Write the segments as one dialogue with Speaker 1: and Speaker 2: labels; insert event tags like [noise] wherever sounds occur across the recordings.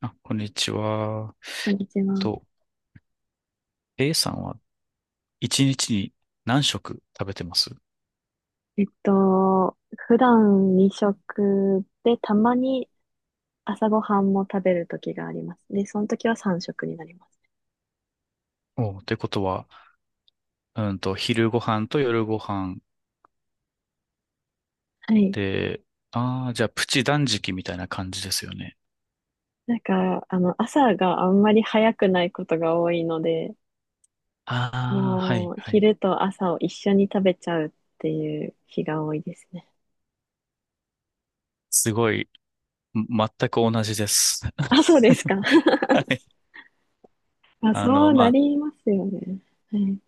Speaker 1: あ、こんにちは。
Speaker 2: こんにちは。
Speaker 1: と、A さんは一日に何食食べてます？
Speaker 2: 普段2食で、たまに朝ごはんも食べる時があります。で、その時は3食になります。
Speaker 1: おう、ということは、昼ご飯と夜ご飯
Speaker 2: はい。
Speaker 1: で、ああ、じゃあプチ断食みたいな感じですよね。
Speaker 2: なんか、朝があんまり早くないことが多いので、
Speaker 1: ああ、は
Speaker 2: も
Speaker 1: い、
Speaker 2: う、
Speaker 1: はい。
Speaker 2: 昼と朝を一緒に食べちゃうっていう日が多いですね。
Speaker 1: すごい、全く同じです。
Speaker 2: あ、そうですか。
Speaker 1: [laughs]
Speaker 2: [laughs]
Speaker 1: はい。
Speaker 2: あ、そう
Speaker 1: ま
Speaker 2: な
Speaker 1: あ、
Speaker 2: りますよね。はい。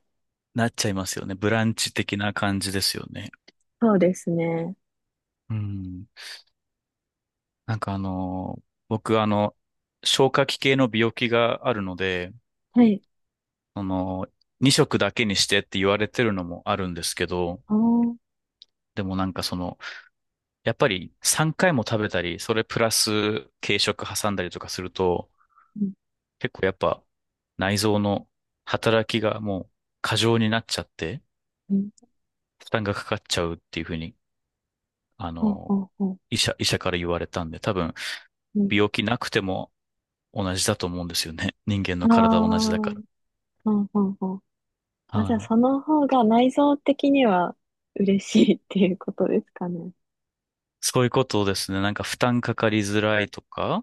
Speaker 1: なっちゃいますよね。ブランチ的な感じですよね。
Speaker 2: そうですね。
Speaker 1: うん。なんか僕消化器系の病気があるので、
Speaker 2: はい。
Speaker 1: その、2食だけにしてって言われてるのもあるんですけど、
Speaker 2: おー。
Speaker 1: でもなんかやっぱり3回も食べたり、それプラス軽食挟んだりとかすると、
Speaker 2: うん
Speaker 1: 結構やっぱ内臓の働きがもう過剰になっちゃって、
Speaker 2: うん。
Speaker 1: 負担がかかっちゃうっていうふうに、あ
Speaker 2: ほう
Speaker 1: の、
Speaker 2: ほうほ
Speaker 1: 医者から言われたんで、多分
Speaker 2: う。うん。
Speaker 1: 病気なくても同じだと思うんですよね。[laughs] 人間
Speaker 2: あ
Speaker 1: の
Speaker 2: あ。
Speaker 1: 体は同じだか
Speaker 2: ほ
Speaker 1: ら。
Speaker 2: うほうほう。あ、
Speaker 1: は
Speaker 2: じゃあ
Speaker 1: い。
Speaker 2: その方が内臓的には嬉しいっていうことですかね。
Speaker 1: そういうことですね。なんか負担かかりづらいとか、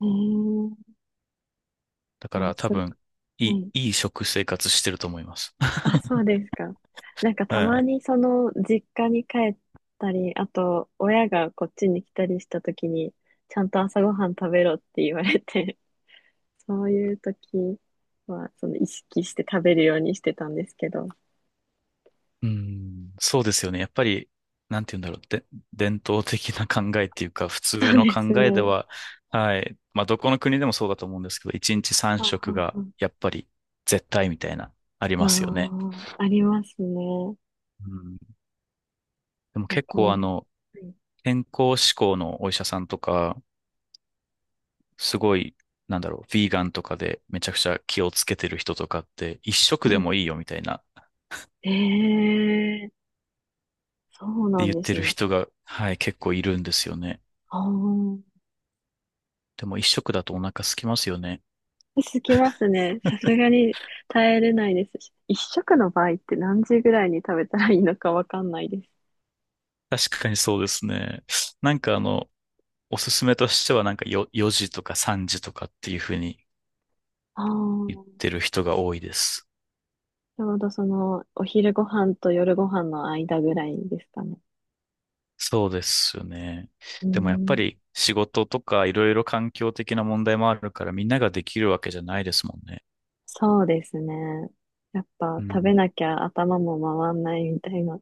Speaker 2: えー、
Speaker 1: だか
Speaker 2: まあ、
Speaker 1: ら多
Speaker 2: す
Speaker 1: 分、い
Speaker 2: ごはい。
Speaker 1: いい食生活してると思います。[laughs]
Speaker 2: あ、そうですか。なんかた
Speaker 1: は
Speaker 2: ま
Speaker 1: い。
Speaker 2: にその実家に帰ったり、あと親がこっちに来たりした時に、ちゃんと朝ごはん食べろって言われて、[laughs] そういう時はその意識して食べるようにしてたんですけど。
Speaker 1: うん、そうですよね。やっぱり、なんて言うんだろう。で、伝統的な考えっていうか、普
Speaker 2: そ
Speaker 1: 通
Speaker 2: う
Speaker 1: の
Speaker 2: です
Speaker 1: 考えで
Speaker 2: ね。
Speaker 1: は、はい。まあ、どこの国でもそうだと思うんですけど、1日
Speaker 2: あ
Speaker 1: 3食
Speaker 2: あ
Speaker 1: が、
Speaker 2: あ
Speaker 1: やっぱり、絶対みたいな、あり
Speaker 2: あ
Speaker 1: ますよね。
Speaker 2: ああありますね。
Speaker 1: うん、でも
Speaker 2: じゃあ
Speaker 1: 結構、
Speaker 2: 今度。はい。
Speaker 1: 健康志向のお医者さんとか、すごい、なんだろう、ヴィーガンとかでめちゃくちゃ気をつけてる人とかって、一食
Speaker 2: は
Speaker 1: で
Speaker 2: い。
Speaker 1: もいいよみたいな
Speaker 2: ええー、そう
Speaker 1: て
Speaker 2: なん
Speaker 1: 言っ
Speaker 2: で
Speaker 1: て
Speaker 2: す
Speaker 1: る
Speaker 2: ね。
Speaker 1: 人が、はい、結構いるんですよね。
Speaker 2: あ
Speaker 1: でも一食だとお腹空きますよね。
Speaker 2: あ、すきますね。さすがに耐えれないですし。一食の場合って何時ぐらいに食べたらいいのかわかんないです。
Speaker 1: 確かにそうですね。なんかおすすめとしてはなんか4時とか3時とかっていうふうに
Speaker 2: ああ、
Speaker 1: 言っ
Speaker 2: ち
Speaker 1: てる人が多いです。
Speaker 2: ょうどその、お昼ご飯と夜ご飯の間ぐらいですかね。
Speaker 1: そうですよね。
Speaker 2: うー
Speaker 1: でもやっぱ
Speaker 2: ん、
Speaker 1: り仕事とかいろいろ環境的な問題もあるからみんなができるわけじゃないですもんね。
Speaker 2: そうですね。やっ
Speaker 1: う
Speaker 2: ぱ食べ
Speaker 1: ん。
Speaker 2: なきゃ頭も回んないみたいな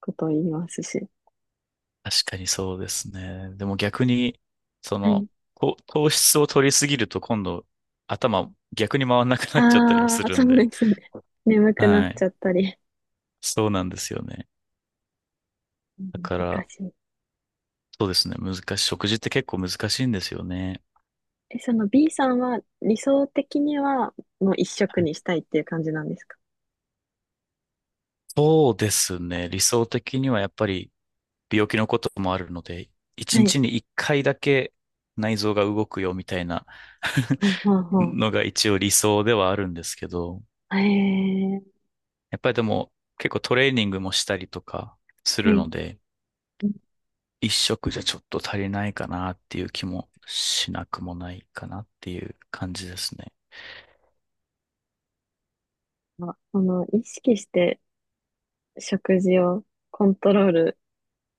Speaker 2: ことを言いますし。
Speaker 1: 確かにそうですね。でも逆に、そ
Speaker 2: はい。
Speaker 1: の、こう糖質を取りすぎると今度、頭逆に回らなくなっちゃったりも
Speaker 2: あ
Speaker 1: す
Speaker 2: あ、
Speaker 1: る
Speaker 2: そ
Speaker 1: ん
Speaker 2: う
Speaker 1: で。
Speaker 2: ですね。眠くな
Speaker 1: は
Speaker 2: っ
Speaker 1: い。
Speaker 2: ちゃったり。
Speaker 1: そうなんですよね。だ
Speaker 2: 難
Speaker 1: から、
Speaker 2: しい。
Speaker 1: そうですね。難しい。食事って結構難しいんですよね。
Speaker 2: え、その B さんは理想的にはもう一色
Speaker 1: はい。
Speaker 2: にしたいっていう感じなんですか？
Speaker 1: そうですね。理想的にはやっぱり病気のこともあるので、一
Speaker 2: はい。
Speaker 1: 日に一回だけ内臓が動くよみたいな [laughs]
Speaker 2: ほうほうほ
Speaker 1: のが一応理想ではあるんですけど、
Speaker 2: う。へえ、
Speaker 1: やっぱりでも結構トレーニングもしたりとかする
Speaker 2: ね、
Speaker 1: ので、一食じゃちょっと足りないかなっていう気もしなくもないかなっていう感じですね。
Speaker 2: なんかその意識して食事をコントロール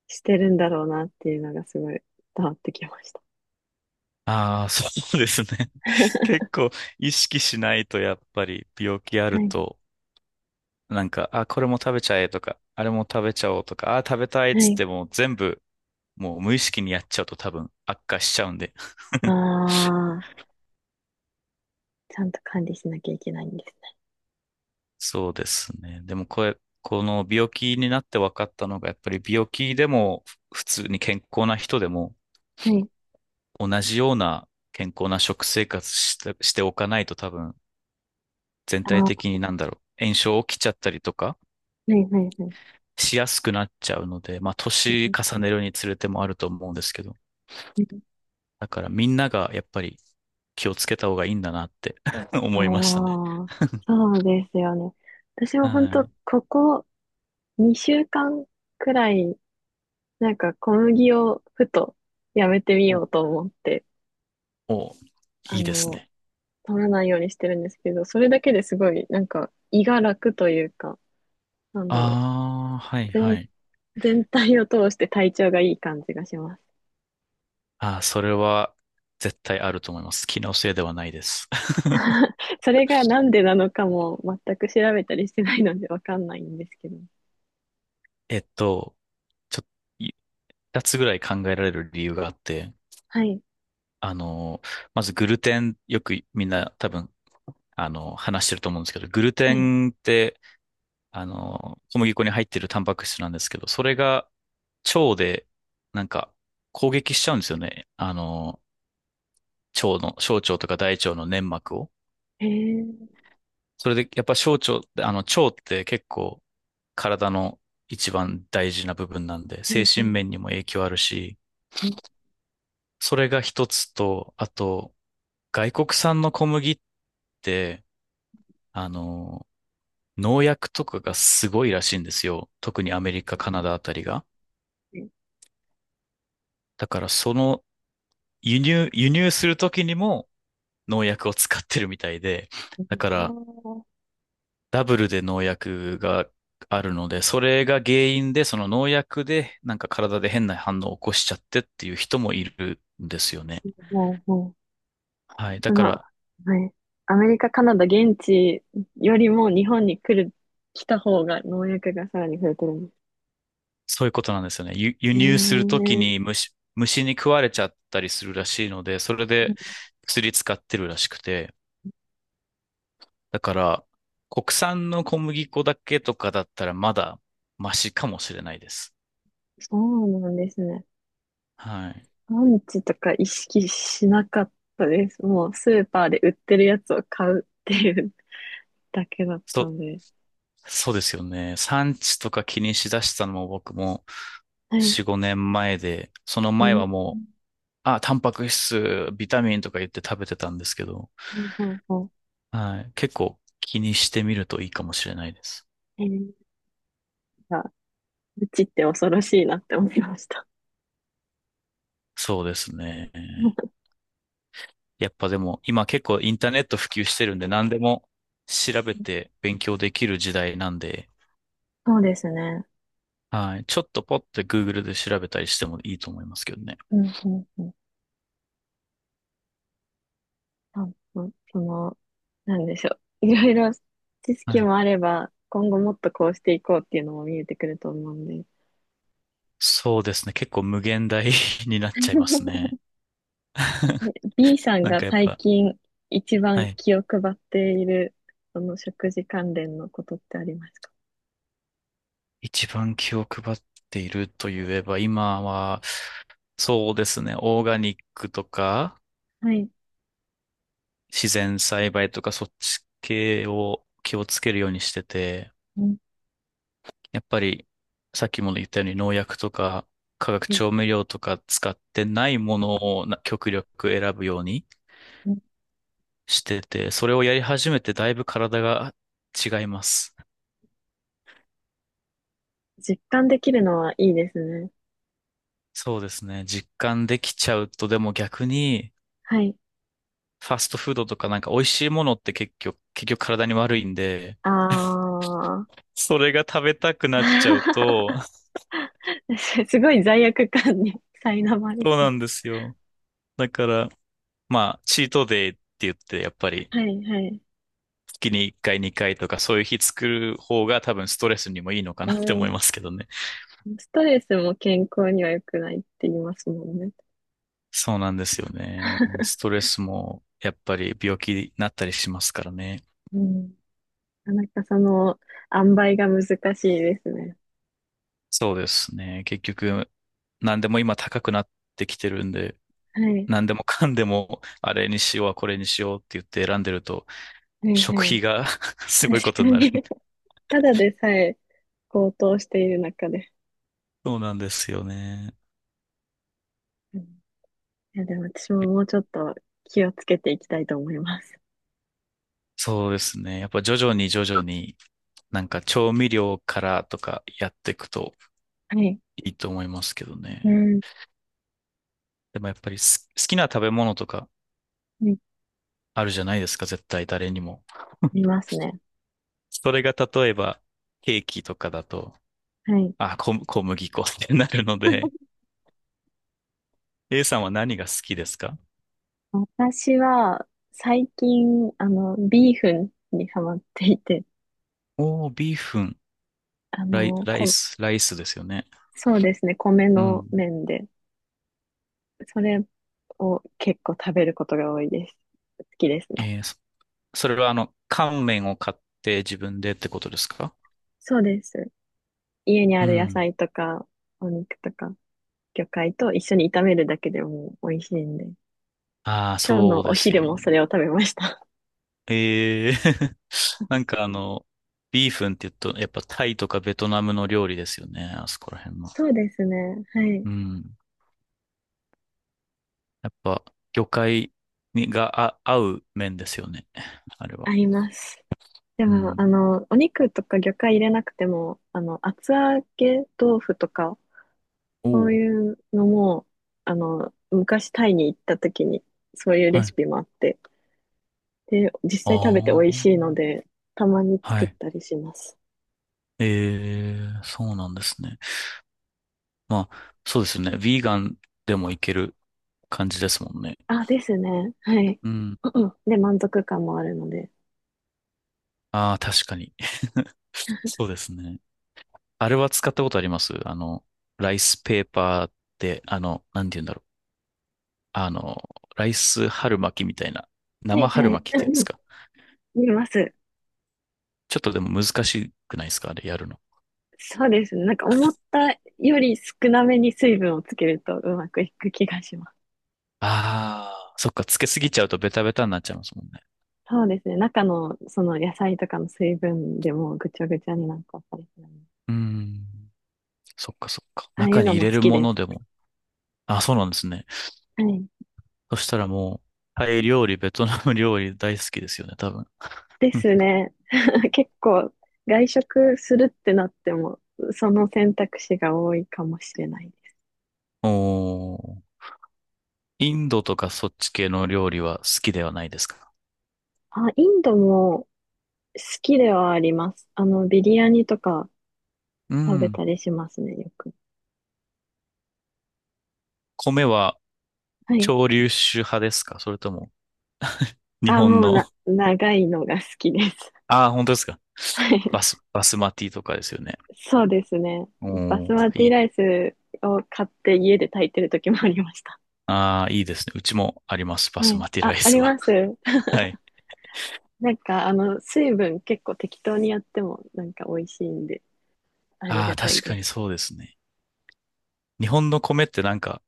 Speaker 2: してるんだろうなっていうのがすごい伝わってきました。
Speaker 1: ああ、[laughs] そうですね。[laughs]
Speaker 2: [laughs]
Speaker 1: 結構意識しないとやっぱり病気あ
Speaker 2: は
Speaker 1: る
Speaker 2: い。
Speaker 1: と、なんか、あ、これも食べちゃえとか、あれも食べちゃおうとか、あ、食べたいっ
Speaker 2: は
Speaker 1: つっ
Speaker 2: い。
Speaker 1: てもう全部もう無意識にやっちゃうと多分悪化しちゃうんで。
Speaker 2: ああ、ちゃんと管理しなきゃいけないんですね。
Speaker 1: そうですね。でもこれ、この病気になって分かったのが、やっぱり病気でも普通に健康な人でも
Speaker 2: はい。
Speaker 1: 同じような健康な食生活しておかないと多分全
Speaker 2: ああ、
Speaker 1: 体的
Speaker 2: は
Speaker 1: になんだろう、炎症起きちゃったりとか
Speaker 2: いはいはい。
Speaker 1: しやすくなっちゃうので、まあ年重ねるにつれてもあると思うんですけど、だからみんながやっぱり気をつけた方がいいんだなって [laughs]
Speaker 2: あ
Speaker 1: 思いましたね。
Speaker 2: あ、そうですよね。私も本
Speaker 1: は
Speaker 2: 当
Speaker 1: い。
Speaker 2: ここ2週間くらい、なんか小麦をふとやめてみよ
Speaker 1: お
Speaker 2: うと思って、
Speaker 1: お、
Speaker 2: あ
Speaker 1: いいです
Speaker 2: の、
Speaker 1: ね。
Speaker 2: 取らないようにしてるんですけど、それだけですごい、なんか胃が楽というか、なんだろ
Speaker 1: ああ、は
Speaker 2: う、
Speaker 1: いは
Speaker 2: 全、
Speaker 1: い。
Speaker 2: 全体を通して体調がいい感じがします。
Speaker 1: ああ、それは絶対あると思います。気のせいではないです。[laughs]
Speaker 2: それがなんでなのかも全く調べたりしてないのでわかんないんですけど。
Speaker 1: えっと、ちょ、い二つぐらい考えられる理由があって、
Speaker 2: はい、
Speaker 1: あの、まずグルテン、よくみんな多分、話してると思うんですけど、グル
Speaker 2: は
Speaker 1: テ
Speaker 2: い。
Speaker 1: ンって、小麦粉に入ってるタンパク質なんですけど、それが腸で、なんか、攻撃しちゃうんですよね。腸の、小腸とか大腸の粘膜を。
Speaker 2: へえ、
Speaker 1: それで、やっぱ小腸って、腸って結構体の一番大事な部分なんで、精
Speaker 2: ね、は
Speaker 1: 神
Speaker 2: い、
Speaker 1: 面にも影響あるし、
Speaker 2: うん
Speaker 1: それが一つと、あと、外国産の小麦って、あの、農薬とかがすごいらしいんですよ。特にアメリカ、カナダあたりが。
Speaker 2: うん
Speaker 1: だから輸入するときにも農薬を使ってるみたいで、
Speaker 2: うん、
Speaker 1: だから
Speaker 2: おー、
Speaker 1: ダブルで農薬があるので、それが原因で、その農薬で、なんか体で変な反応を起こしちゃってっていう人もいるんですよね。
Speaker 2: ほうほう、
Speaker 1: はい。
Speaker 2: そ
Speaker 1: だか
Speaker 2: の、
Speaker 1: ら、
Speaker 2: はい。アメリカ、カナダ、現地よりも日本に来る、来た方が農薬がさらに増えてるんです。
Speaker 1: そういうことなんですよね。輸
Speaker 2: へ
Speaker 1: 入するとき
Speaker 2: え、
Speaker 1: に虫に食われちゃったりするらしいので、それで薬使ってるらしくて。だから、国産の小麦粉だけとかだったらまだマシかもしれないです。
Speaker 2: そうなんですね。
Speaker 1: はい。
Speaker 2: 産地とか意識しなかったです。もうスーパーで売ってるやつを買うっていうだけだった
Speaker 1: そ、
Speaker 2: んで。
Speaker 1: そうですよね。産地とか気にしだしたのも僕も、
Speaker 2: はい。
Speaker 1: 4、5年前で、その
Speaker 2: う
Speaker 1: 前
Speaker 2: ん。
Speaker 1: はもう、あ、タンパク質、ビタミンとか言って食べてたんですけど、
Speaker 2: ほうほ
Speaker 1: はい。結構気にしてみるといいかもしれないです。
Speaker 2: う。えー、なんか、うちって恐ろしいなって思いました。
Speaker 1: そうですね。
Speaker 2: [laughs]
Speaker 1: やっぱでも、今結構インターネット普及してるんで、何でも調べて勉強できる時代なんで、
Speaker 2: そうですね。
Speaker 1: はい。ちょっとポッて Google で調べたりしてもいいと思いますけどね。
Speaker 2: うんうんうん。そうそう、その、なんでしょう。いろいろ知
Speaker 1: は
Speaker 2: 識
Speaker 1: い。
Speaker 2: もあれば、今後もっとこうしていこうっていうのも見えてくると思うんで。
Speaker 1: そうですね。結構無限大 [laughs] になっちゃいます
Speaker 2: [laughs]
Speaker 1: ね。[laughs]
Speaker 2: え B さん
Speaker 1: なん
Speaker 2: が
Speaker 1: かやっ
Speaker 2: 最
Speaker 1: ぱ、
Speaker 2: 近一番
Speaker 1: はい。
Speaker 2: 気を配っている、その食事関連のことってありますか？
Speaker 1: 一番気を配っているといえば、今は、そうですね、オーガニックとか、
Speaker 2: はい。
Speaker 1: 自然栽培とか、そっち系を気をつけるようにしてて、
Speaker 2: うん、
Speaker 1: やっぱり、さっきも言ったように農薬とか、化学調
Speaker 2: え、
Speaker 1: 味料とか使ってないものを極力選ぶように
Speaker 2: うん、
Speaker 1: してて、それをやり始めてだいぶ体が違います。
Speaker 2: 実感できるのはいいですね。
Speaker 1: そうですね。実感できちゃうと、でも逆に
Speaker 2: はい。
Speaker 1: ファストフードとかなんか美味しいものって結局体に悪いんで、
Speaker 2: あー。
Speaker 1: それが食べたくなっちゃうと、
Speaker 2: [laughs] すごい罪悪感に苛ま
Speaker 1: [laughs]
Speaker 2: れ
Speaker 1: そう
Speaker 2: そ
Speaker 1: な
Speaker 2: う。
Speaker 1: んですよ。だから、まあ、チートデイって言って、やっぱり、
Speaker 2: はい、はい。
Speaker 1: 月に1回、2回とか、そういう日作る方が多分ストレスにもいいのか
Speaker 2: う
Speaker 1: なって思
Speaker 2: ん、
Speaker 1: いますけどね。
Speaker 2: ストレスも健康には良くないって言いますもんね。
Speaker 1: そうなんですよね。スト
Speaker 2: [laughs]
Speaker 1: レスも、やっぱり病気になったりしますからね。
Speaker 2: うん。なかなかその、塩梅が難しいですね。
Speaker 1: そうですね。結局、何でも今高くなってきてるんで、
Speaker 2: はい。
Speaker 1: 何でもかんでも、あれにしよう、これにしようって言って選んでると、
Speaker 2: はい
Speaker 1: 食
Speaker 2: は
Speaker 1: 費
Speaker 2: い。
Speaker 1: が [laughs] すごいこ
Speaker 2: 確か
Speaker 1: とになる。
Speaker 2: に。[laughs] ただでさえ高騰している中で。
Speaker 1: そうなんですよね。
Speaker 2: うん、いや、でも私ももうちょっと気をつけていきたいと思います。
Speaker 1: そうですね。やっぱ徐々に徐々に、なんか調味料からとかやっていくと
Speaker 2: はい。
Speaker 1: いいと思いますけど
Speaker 2: う
Speaker 1: ね。
Speaker 2: ん。
Speaker 1: でもやっぱり好きな食べ物とか
Speaker 2: はい、
Speaker 1: あるじゃないですか、絶対誰にも。
Speaker 2: 見ますね。
Speaker 1: それが例えばケーキとかだと、
Speaker 2: はい。
Speaker 1: あ、小麦粉ってなるので、A さんは何が好きですか？
Speaker 2: 私は、最近、ビーフンにハマっていて、
Speaker 1: おー、ビーフン、
Speaker 2: あ
Speaker 1: ライ、
Speaker 2: の、
Speaker 1: ライ
Speaker 2: こ、
Speaker 1: ス、ライスですよね。
Speaker 2: そうですね、米
Speaker 1: う
Speaker 2: の
Speaker 1: ん。
Speaker 2: 麺で。それを結構食べることが多いです。好きですね。
Speaker 1: えー、そそれは乾麺を買って自分でってことですか？
Speaker 2: そうです。家に
Speaker 1: う
Speaker 2: ある野
Speaker 1: ん。
Speaker 2: 菜とか、お肉とか、魚介と一緒に炒めるだけでもう美味しいんで。
Speaker 1: ああ、
Speaker 2: 今日
Speaker 1: そう
Speaker 2: のお
Speaker 1: です
Speaker 2: 昼
Speaker 1: よ
Speaker 2: も
Speaker 1: ね。
Speaker 2: それを食べました。
Speaker 1: ええ [laughs] なんかビーフンって言うと、やっぱタイとかベトナムの料理ですよね。あそこら辺の。
Speaker 2: [laughs] そうですね。はい。
Speaker 1: うん。やっぱ、魚介にがあ合う麺ですよね。あれは。
Speaker 2: 合います。で
Speaker 1: う
Speaker 2: も、
Speaker 1: ん。
Speaker 2: お肉とか魚介入れなくても、厚揚げ豆腐とか、
Speaker 1: お
Speaker 2: そう
Speaker 1: お。
Speaker 2: いうのも、昔タイに行った時に、そういう
Speaker 1: は
Speaker 2: レ
Speaker 1: い。
Speaker 2: シピもあって、で、実
Speaker 1: あ
Speaker 2: 際食べて美味
Speaker 1: あ。
Speaker 2: しいので、たまに
Speaker 1: は
Speaker 2: 作っ
Speaker 1: い。
Speaker 2: たりします。
Speaker 1: ええ、そうなんですね。まあ、そうですよね。ヴィーガンでもいける感じですもんね。
Speaker 2: あ、ですね。はい。
Speaker 1: うん。
Speaker 2: うんうんで、満足感もあるので。
Speaker 1: ああ、確かに。[laughs] そうですね。あれは使ったことあります？ライスペーパーって、なんて言うんだろう。あの、ライス春巻きみたいな。
Speaker 2: は
Speaker 1: 生
Speaker 2: いは
Speaker 1: 春
Speaker 2: い。
Speaker 1: 巻き
Speaker 2: う
Speaker 1: っていうんで
Speaker 2: んう
Speaker 1: す
Speaker 2: ん、
Speaker 1: か？
Speaker 2: 見ます。
Speaker 1: ちょっとでも難しくないですか、あれやるの。
Speaker 2: そうですね。なんか思ったより少なめに水分をつけるとうまくいく気がします。
Speaker 1: ああ、そっか。つけすぎちゃうとベタベタになっちゃいますもんね。
Speaker 2: そうですね。中のその野菜とかの水分でもうぐちゃぐちゃになんかったりするので
Speaker 1: うーん。そっかそっか。
Speaker 2: ああい
Speaker 1: 中
Speaker 2: う
Speaker 1: に
Speaker 2: の
Speaker 1: 入
Speaker 2: も好
Speaker 1: れる
Speaker 2: き
Speaker 1: も
Speaker 2: で
Speaker 1: ので
Speaker 2: す。
Speaker 1: も。あ、そうなんですね。
Speaker 2: はい。
Speaker 1: そしたらもう、タイ料理、ベトナム料理大好きですよね、多分。
Speaker 2: で
Speaker 1: [laughs] うん、
Speaker 2: すね。[laughs] 結構外食するってなっても、その選択肢が多いかもしれない。
Speaker 1: おー。インドとかそっち系の料理は好きではないですか？
Speaker 2: あ、インドも好きではあります。ビリヤニとか
Speaker 1: う
Speaker 2: 食べ
Speaker 1: ん。
Speaker 2: たりしますね、よく。
Speaker 1: 米は
Speaker 2: はい。
Speaker 1: 潮流種派ですか？それとも日
Speaker 2: あ、
Speaker 1: 本
Speaker 2: もうな、
Speaker 1: の
Speaker 2: 長いのが好きです。
Speaker 1: [laughs] ああ、本当ですか？
Speaker 2: [laughs] はい。
Speaker 1: バスマティとかですよね。
Speaker 2: そうですね。バス
Speaker 1: お
Speaker 2: マ
Speaker 1: ー、
Speaker 2: テ
Speaker 1: い
Speaker 2: ィ
Speaker 1: い。
Speaker 2: ライスを買って家で炊いてる時もありました。
Speaker 1: ああ、いいですね。うちもあります。バ
Speaker 2: は
Speaker 1: ス
Speaker 2: い。
Speaker 1: マティラ
Speaker 2: あ、
Speaker 1: イ
Speaker 2: あ
Speaker 1: ス
Speaker 2: り
Speaker 1: は。
Speaker 2: ます。[laughs]
Speaker 1: [laughs] はい。
Speaker 2: なんか、水分結構適当にやってもなんか美味しいんで、あり
Speaker 1: あ
Speaker 2: が
Speaker 1: あ、
Speaker 2: たい
Speaker 1: 確か
Speaker 2: で
Speaker 1: に
Speaker 2: す。
Speaker 1: そうですね。日本の米ってなんか、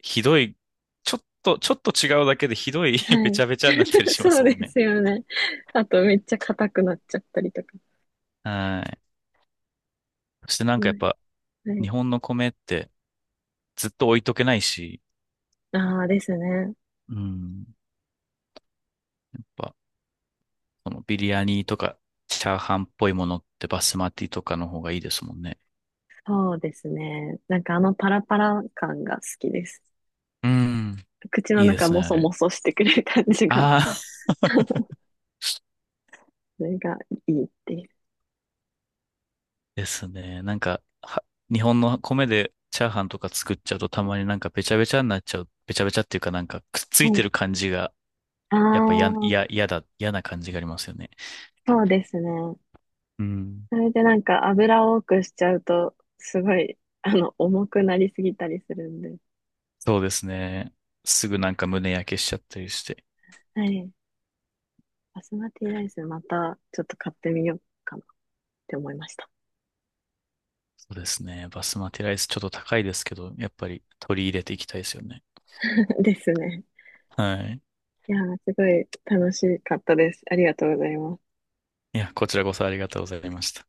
Speaker 1: ひどい、ちょっと違うだけでひどい [laughs]
Speaker 2: は
Speaker 1: べち
Speaker 2: い。
Speaker 1: ゃべちゃになったり
Speaker 2: [laughs]
Speaker 1: しま
Speaker 2: そ
Speaker 1: す
Speaker 2: う
Speaker 1: もん
Speaker 2: で
Speaker 1: ね。
Speaker 2: すよね。あと、めっちゃ硬くなっちゃったりとか。
Speaker 1: はい。そしてなんかや
Speaker 2: は
Speaker 1: っ
Speaker 2: い。
Speaker 1: ぱ、
Speaker 2: は
Speaker 1: 日
Speaker 2: い。
Speaker 1: 本の米ってずっと置いとけないし、
Speaker 2: ああですね。
Speaker 1: うん。ぱ、このビリヤニとか、チャーハンっぽいものってバスマティとかの方がいいですもんね。
Speaker 2: そうですね。なんかあのパラパラ感が好きです。
Speaker 1: うん。
Speaker 2: 口の
Speaker 1: いいで
Speaker 2: 中
Speaker 1: すね、
Speaker 2: も
Speaker 1: あ
Speaker 2: そ
Speaker 1: れ。
Speaker 2: もそしてくれる感じが。
Speaker 1: ああ、
Speaker 2: [laughs]
Speaker 1: [laughs]
Speaker 2: それがいいっていう。
Speaker 1: ですね。なんか、日本の米でチャーハンとか作っちゃうとたまになんかべちゃべちゃになっちゃう。べちゃべちゃっていうかなんかくっつい
Speaker 2: は
Speaker 1: て
Speaker 2: い。
Speaker 1: る感じが、
Speaker 2: あ
Speaker 1: やっぱや、や、
Speaker 2: あ、
Speaker 1: 嫌だ、嫌な感じがありますよね。
Speaker 2: そうですね。
Speaker 1: うん。
Speaker 2: それでなんか油を多くしちゃうと、すごい、重くなりすぎたりするんで。
Speaker 1: そうですね。すぐなんか胸焼けしちゃったりして。
Speaker 2: はい。バスマティライスまたちょっと買ってみようかなって思いました。
Speaker 1: そうですね。バスマティライスちょっと高いですけど、やっぱり取り入れていきたいですよね。
Speaker 2: [laughs] ですね。
Speaker 1: はい。
Speaker 2: いやー、すごい楽しかったです。ありがとうございます。
Speaker 1: いや、こちらこそありがとうございました。